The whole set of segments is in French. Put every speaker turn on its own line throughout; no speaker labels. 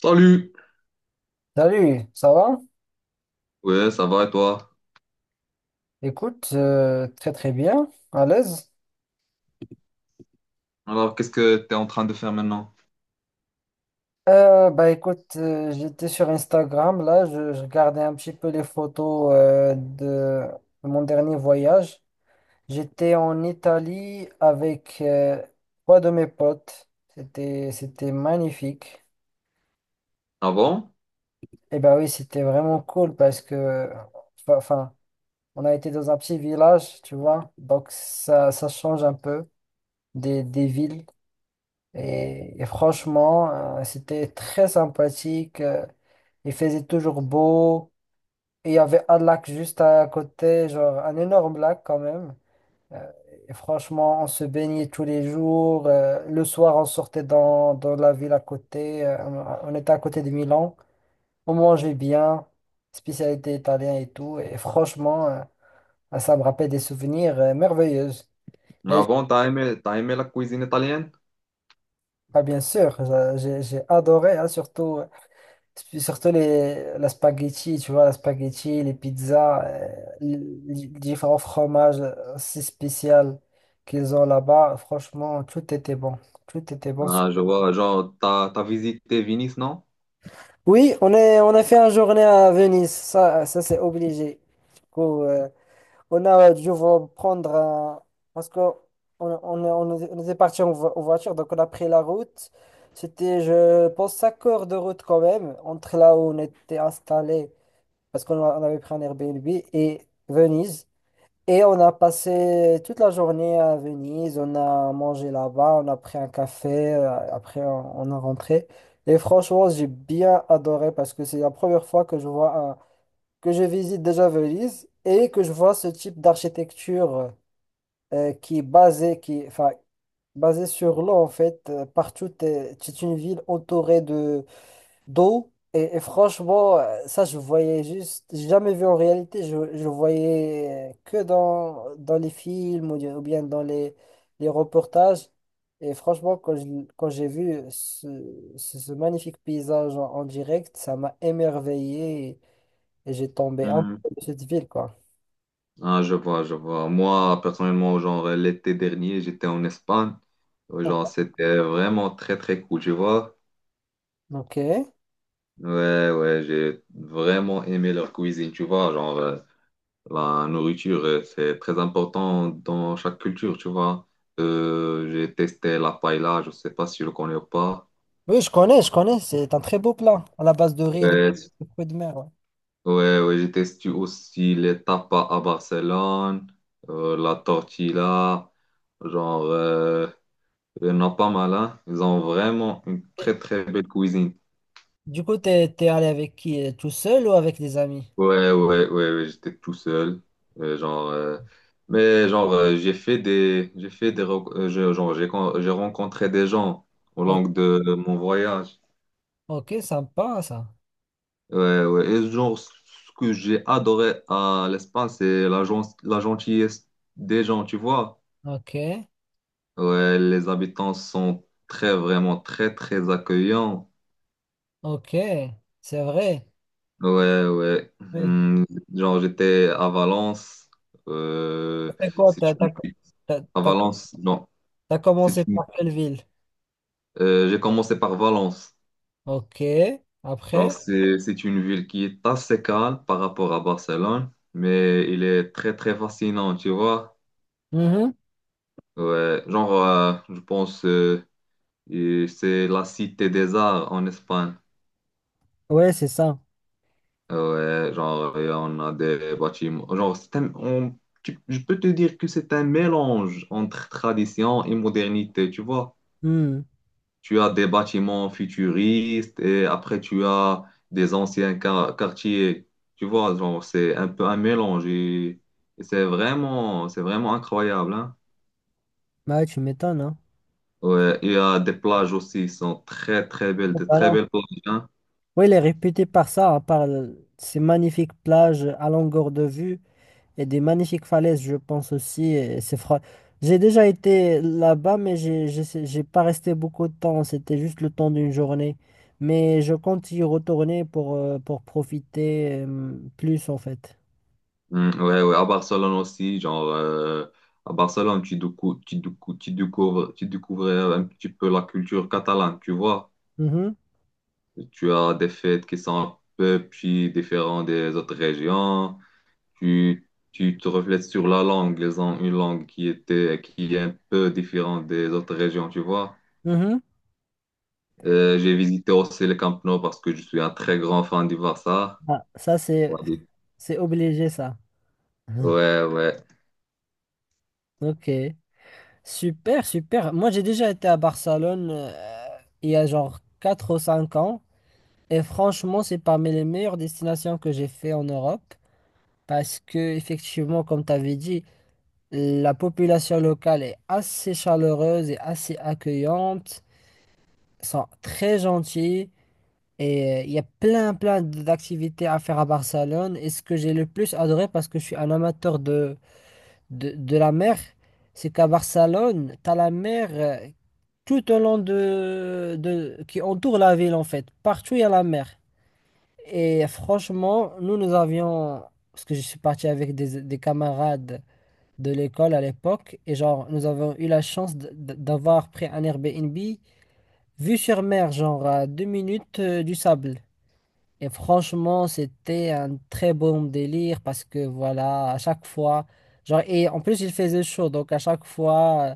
Salut!
Salut, ça va?
Ouais, ça va et toi?
Écoute, très très bien, à l'aise.
Alors, qu'est-ce que tu es en train de faire maintenant?
Bah écoute, j'étais sur Instagram, là, je regardais un petit peu les photos de mon dernier voyage. J'étais en Italie avec trois de mes potes. C'était magnifique.
Avant?
Et bah oui, c'était vraiment cool parce que, enfin, on a été dans un petit village, tu vois, donc ça change un peu des villes. Et franchement, c'était très sympathique. Il faisait toujours beau. Et il y avait un lac juste à côté, genre un énorme lac quand même. Euh, et franchement, on se baignait tous les jours. Le soir, on sortait dans la ville à côté. On était à côté de Milan. On mangeait bien, spécialité italienne et tout. Et franchement, ça me rappelle des souvenirs merveilleux. Et
Avant, t'as aimé la cuisine italienne?
ah, bien sûr, j'ai adoré, hein, surtout. Surtout la spaghetti, tu vois, la spaghetti, les pizzas, les, les différents fromages si spéciaux qu'ils ont là-bas, franchement, tout était bon. Tout était bon.
Ah, je vois, genre, t'as visité Venise, non?
Oui, on a fait une journée à Venise, ça c'est obligé. Du coup, on a dû prendre parce que on était parti en voiture, donc on a pris la route. C'était, je pense, 5 heures de route quand même, entre là où on était installé. Parce qu'on avait pris un Airbnb et Venise. Et on a passé toute la journée à Venise, on a mangé là-bas, on a pris un café, après on a rentré. Et franchement, j'ai bien adoré parce que c'est la première fois que je visite déjà Venise et que je vois ce type d'architecture qui est basée, qui, enfin, basée sur l'eau en fait. Partout, c'est une ville entourée de d'eau. Et franchement, ça, je voyais juste, j'ai jamais vu en réalité, je voyais que dans les films ou bien dans les reportages. Et franchement, quand j'ai vu ce magnifique paysage en direct, ça m'a émerveillé et j'ai tombé un
Hmm.
peu de cette ville, quoi.
Ah, je vois, je vois. Moi, personnellement, genre, l'été dernier, j'étais en Espagne. Ouais, genre, c'était vraiment très, très cool, tu vois?
Ok.
Ouais, ouais, j'ai vraiment aimé leur cuisine, tu vois? Genre, la nourriture, c'est très important dans chaque culture, tu vois. J'ai testé la paella, je sais pas si je le connais ou pas.
Oui, je connais, c'est un très beau plat à la base de riz et de,
Ouais,
de fruits de mer. Ouais.
ouais, ouais, j'ai testé aussi les tapas à Barcelone, la tortilla, genre, il y en a pas mal, hein. Ils ont vraiment une très très belle cuisine.
Du coup, t'es allé avec qui? Tout seul ou avec des amis?
Ouais, ouais, ouais, ouais, j'étais tout seul. Euh, genre, euh, mais genre, j'ai fait des, rec- je- genre, j'ai rencontré des gens au
O-
long de mon voyage.
Ok, sympa ça.
Ouais, ouais. Et genre, ce que j'ai adoré à l'Espagne, c'est la, la gentillesse des gens, tu vois.
Ok,
Ouais, les habitants sont très, vraiment très, très accueillants.
ok, c'est vrai.
Ouais, ouais.
Oui.
Hmm, genre, j'étais à Valence. Euh,
C'est quoi?
Si tu me...
T'as-
À
t'as-
Valence, non.
T'as commencé par quelle ville?
J'ai commencé par Valence.
Ok,
Alors,
après?
c'est une ville qui est assez calme par rapport à Barcelone, mais il est très, très fascinant, tu vois.
Mhm.
Ouais, genre, je pense et c'est la cité des arts en Espagne.
Ouais, c'est ça.
Ouais, genre, et on a des bâtiments. Genre, c'est un- on- tu- Je peux te dire que c'est un mélange entre tradition et modernité, tu vois.
Hmm.
Tu as des bâtiments futuristes et après tu as des anciens quartiers. Tu vois, genre, c'est un peu un mélange et c'est vraiment incroyable, hein.
Bah ouais, tu m'étonnes, hein.
Ouais, il y a des plages aussi, qui sont très très belles, de
Bah
très
non.
belles plages, hein.
Oui, il est réputé par ça, hein, ces magnifiques plages à longueur de vue. Et des magnifiques falaises, je pense aussi. J'ai déjà été là-bas, mais j'ai pas resté beaucoup de temps. C'était juste le temps d'une journée. Mais je compte y retourner pour profiter plus, en fait.
Mm, ouais, ouais, à Barcelone aussi, genre, à Barcelone, tu découvres un petit peu la culture catalane, tu vois.
Mhm,
Tu as des fêtes qui sont un peu plus différentes des autres régions. Tu te reflètes sur la langue, une langue qui était, qui est un peu différente des autres régions, tu vois.
mhm.
J'ai visité aussi le Camp Nou parce que je suis un très grand fan du Barça.
Ah, ça, c'est
Ouais, du-
c'est obligé, ça.
ouais. Ouais,
Ok. Super, super. Moi, j'ai déjà été à Barcelone il y a genre 4 ou 5 ans. Et franchement, c'est parmi les meilleures destinations que j'ai fait en Europe. Parce que, effectivement, comme tu avais dit, la population locale est assez chaleureuse et assez accueillante, sont très gentils et il y a plein, plein d'activités à faire à Barcelone. Et ce que j'ai le plus adoré, parce que je suis un amateur de la mer, c'est qu'à Barcelone, tu as la mer tout au long de, qui entoure la ville en fait. Partout, il y a la mer. Et franchement, nous, nous avions, parce que je suis parti avec des camarades de l'école à l'époque. Et genre, nous avons eu la chance d'avoir pris un Airbnb vue sur mer, genre à 2 minutes du sable. Et franchement, c'était un très bon délire parce que voilà, à chaque fois, genre, et en plus, il faisait chaud. Donc, à chaque fois euh,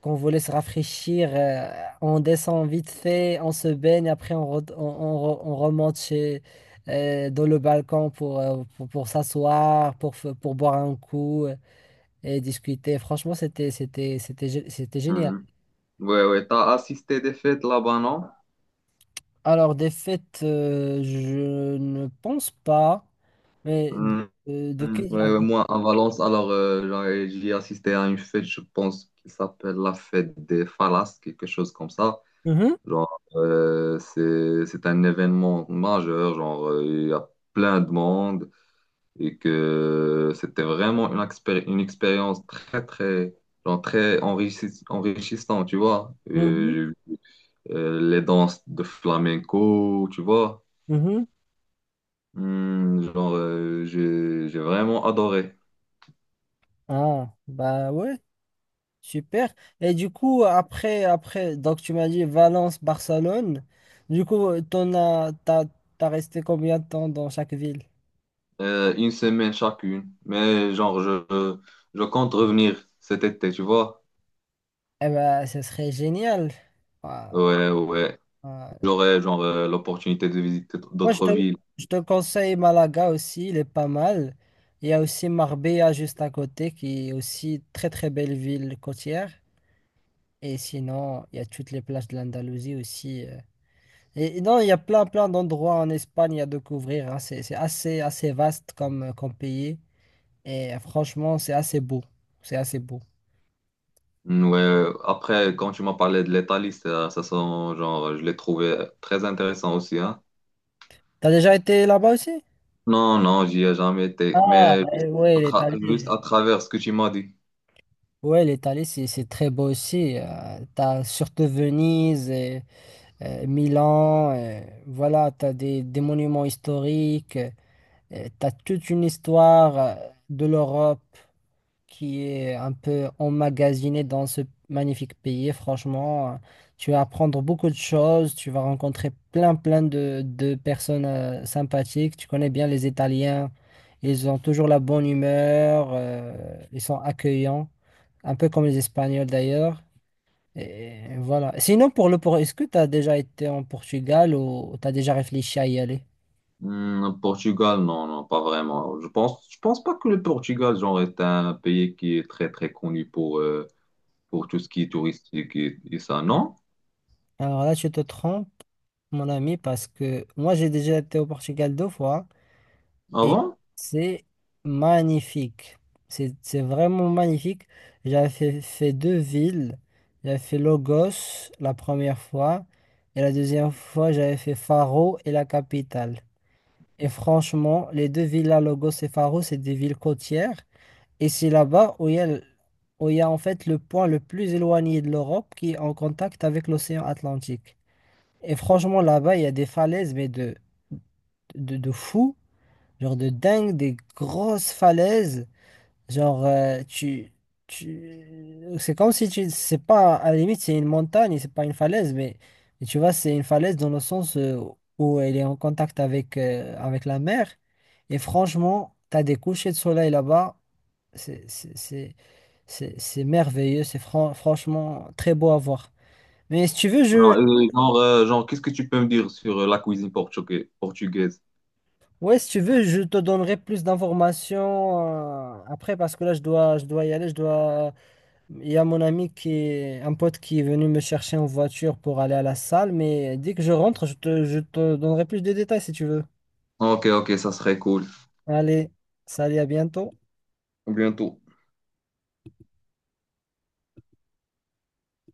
qu'on voulait se rafraîchir, on descend vite fait, on se baigne, après, on remonte chez. Dans le balcon pour s'asseoir, pour boire un coup et discuter. Franchement, c'était génial.
mhm. Ouais. Ouais. T'as assisté des fêtes là-bas, non?
Alors, des fêtes, je ne pense pas, mais
Mhm.
de quel
Ouais,
genre?
ouais, moi, à Valence, alors, j'y ai assisté à une fête, je pense, qui s'appelle la fête des Falas, quelque chose comme ça.
Mhm,
Genre, c'est un événement majeur, genre, il y a plein de monde. Et que c'était vraiment une expérience très, très, genre très enrichissante, tu vois.
mhm,
J'ai vu, les danses de flamenco, tu vois.
mhm.
Hmm, genre, j'ai vraiment adoré.
Ah, bah ouais, super. Et du coup, après, donc tu m'as dit Valence, Barcelone. Du coup, t'as resté combien de temps dans chaque ville?
Une semaine chacune, mais genre, je compte revenir cet été, tu vois.
Eh ben, ce serait génial. Ah,
Ouais, ouais.
ah,
J'aurai genre l'opportunité de visiter
moi,
d'autres villes.
je te conseille Malaga aussi, il est pas mal. Il y a aussi Marbella juste à côté, qui est aussi très très belle ville côtière. Et sinon, il y a toutes les plages de l'Andalousie aussi. Et non, il y a plein plein d'endroits en Espagne à découvrir. Hein. C'est assez assez vaste comme pays. Et franchement, c'est assez beau. C'est assez beau.
Mm, ouais, après, quand tu m'as parlé de l'Italie, ça sent, genre, je l'ai trouvé très intéressant aussi, hein.
T'as déjà été là-bas aussi?
Non, non, j'y ai jamais été,
Ah,
mais
ouais, l'Italie.
juste à travers ce que tu m'as dit.
Ouais, l'Italie, c'est très beau aussi. T'as surtout Venise. Et Milan, voilà, tu as des monuments historiques, tu as toute une histoire de l'Europe qui est un peu emmagasinée dans ce magnifique pays. Franchement, tu vas apprendre beaucoup de choses, tu vas rencontrer plein, plein de personnes sympathiques. Tu connais bien les Italiens, ils ont toujours la bonne humeur, ils sont accueillants, un peu comme les Espagnols d'ailleurs. Et voilà. Sinon, est-ce que tu as déjà été en Portugal ou tu as déjà réfléchi à y aller?
Mm, Portugal, non, non, pas vraiment. Je pense pas que le Portugal, genre, est un pays qui est très, très connu pour tout ce qui est touristique et ça, non?
Alors là, tu te trompes, mon ami, parce que moi, j'ai déjà été au Portugal 2 fois
Ah
et
bon?
c'est magnifique. C'est vraiment magnifique. J'avais fait deux villes. J'avais fait Lagos la première fois et la deuxième fois, j'avais fait Faro et la capitale. Et franchement, les deux villes, là, Lagos et Faro, c'est des villes côtières. Et c'est là-bas où il y a, l- où il y a en fait le point le plus éloigné de l'Europe qui est en contact avec l'océan Atlantique. Et franchement, là-bas, il y a des falaises, mais de fou, genre de dingue, des grosses falaises. Genre, tu, c'est comme si tu, c'est pas, à la limite, c'est une montagne, c'est pas une falaise, mais tu vois, c'est une falaise dans le sens où elle est en contact avec la mer. Et franchement, t'as des couchers de soleil là-bas. c'est c'est c'est- c'est merveilleux, franchement très beau à voir. Mais si tu veux,
Non, genre, qu'est-ce que tu peux me dire sur la cuisine portugaise?
ouais, si tu veux, je te donnerai plus d'informations après parce que là, je dois y aller. Je dois... Il y a mon ami un pote qui est venu me chercher en voiture pour aller à la salle. Mais dès que je rentre, je te donnerai plus de détails si tu veux.
Ok, ok, ça serait cool.
Allez, salut, à bientôt.
À bientôt.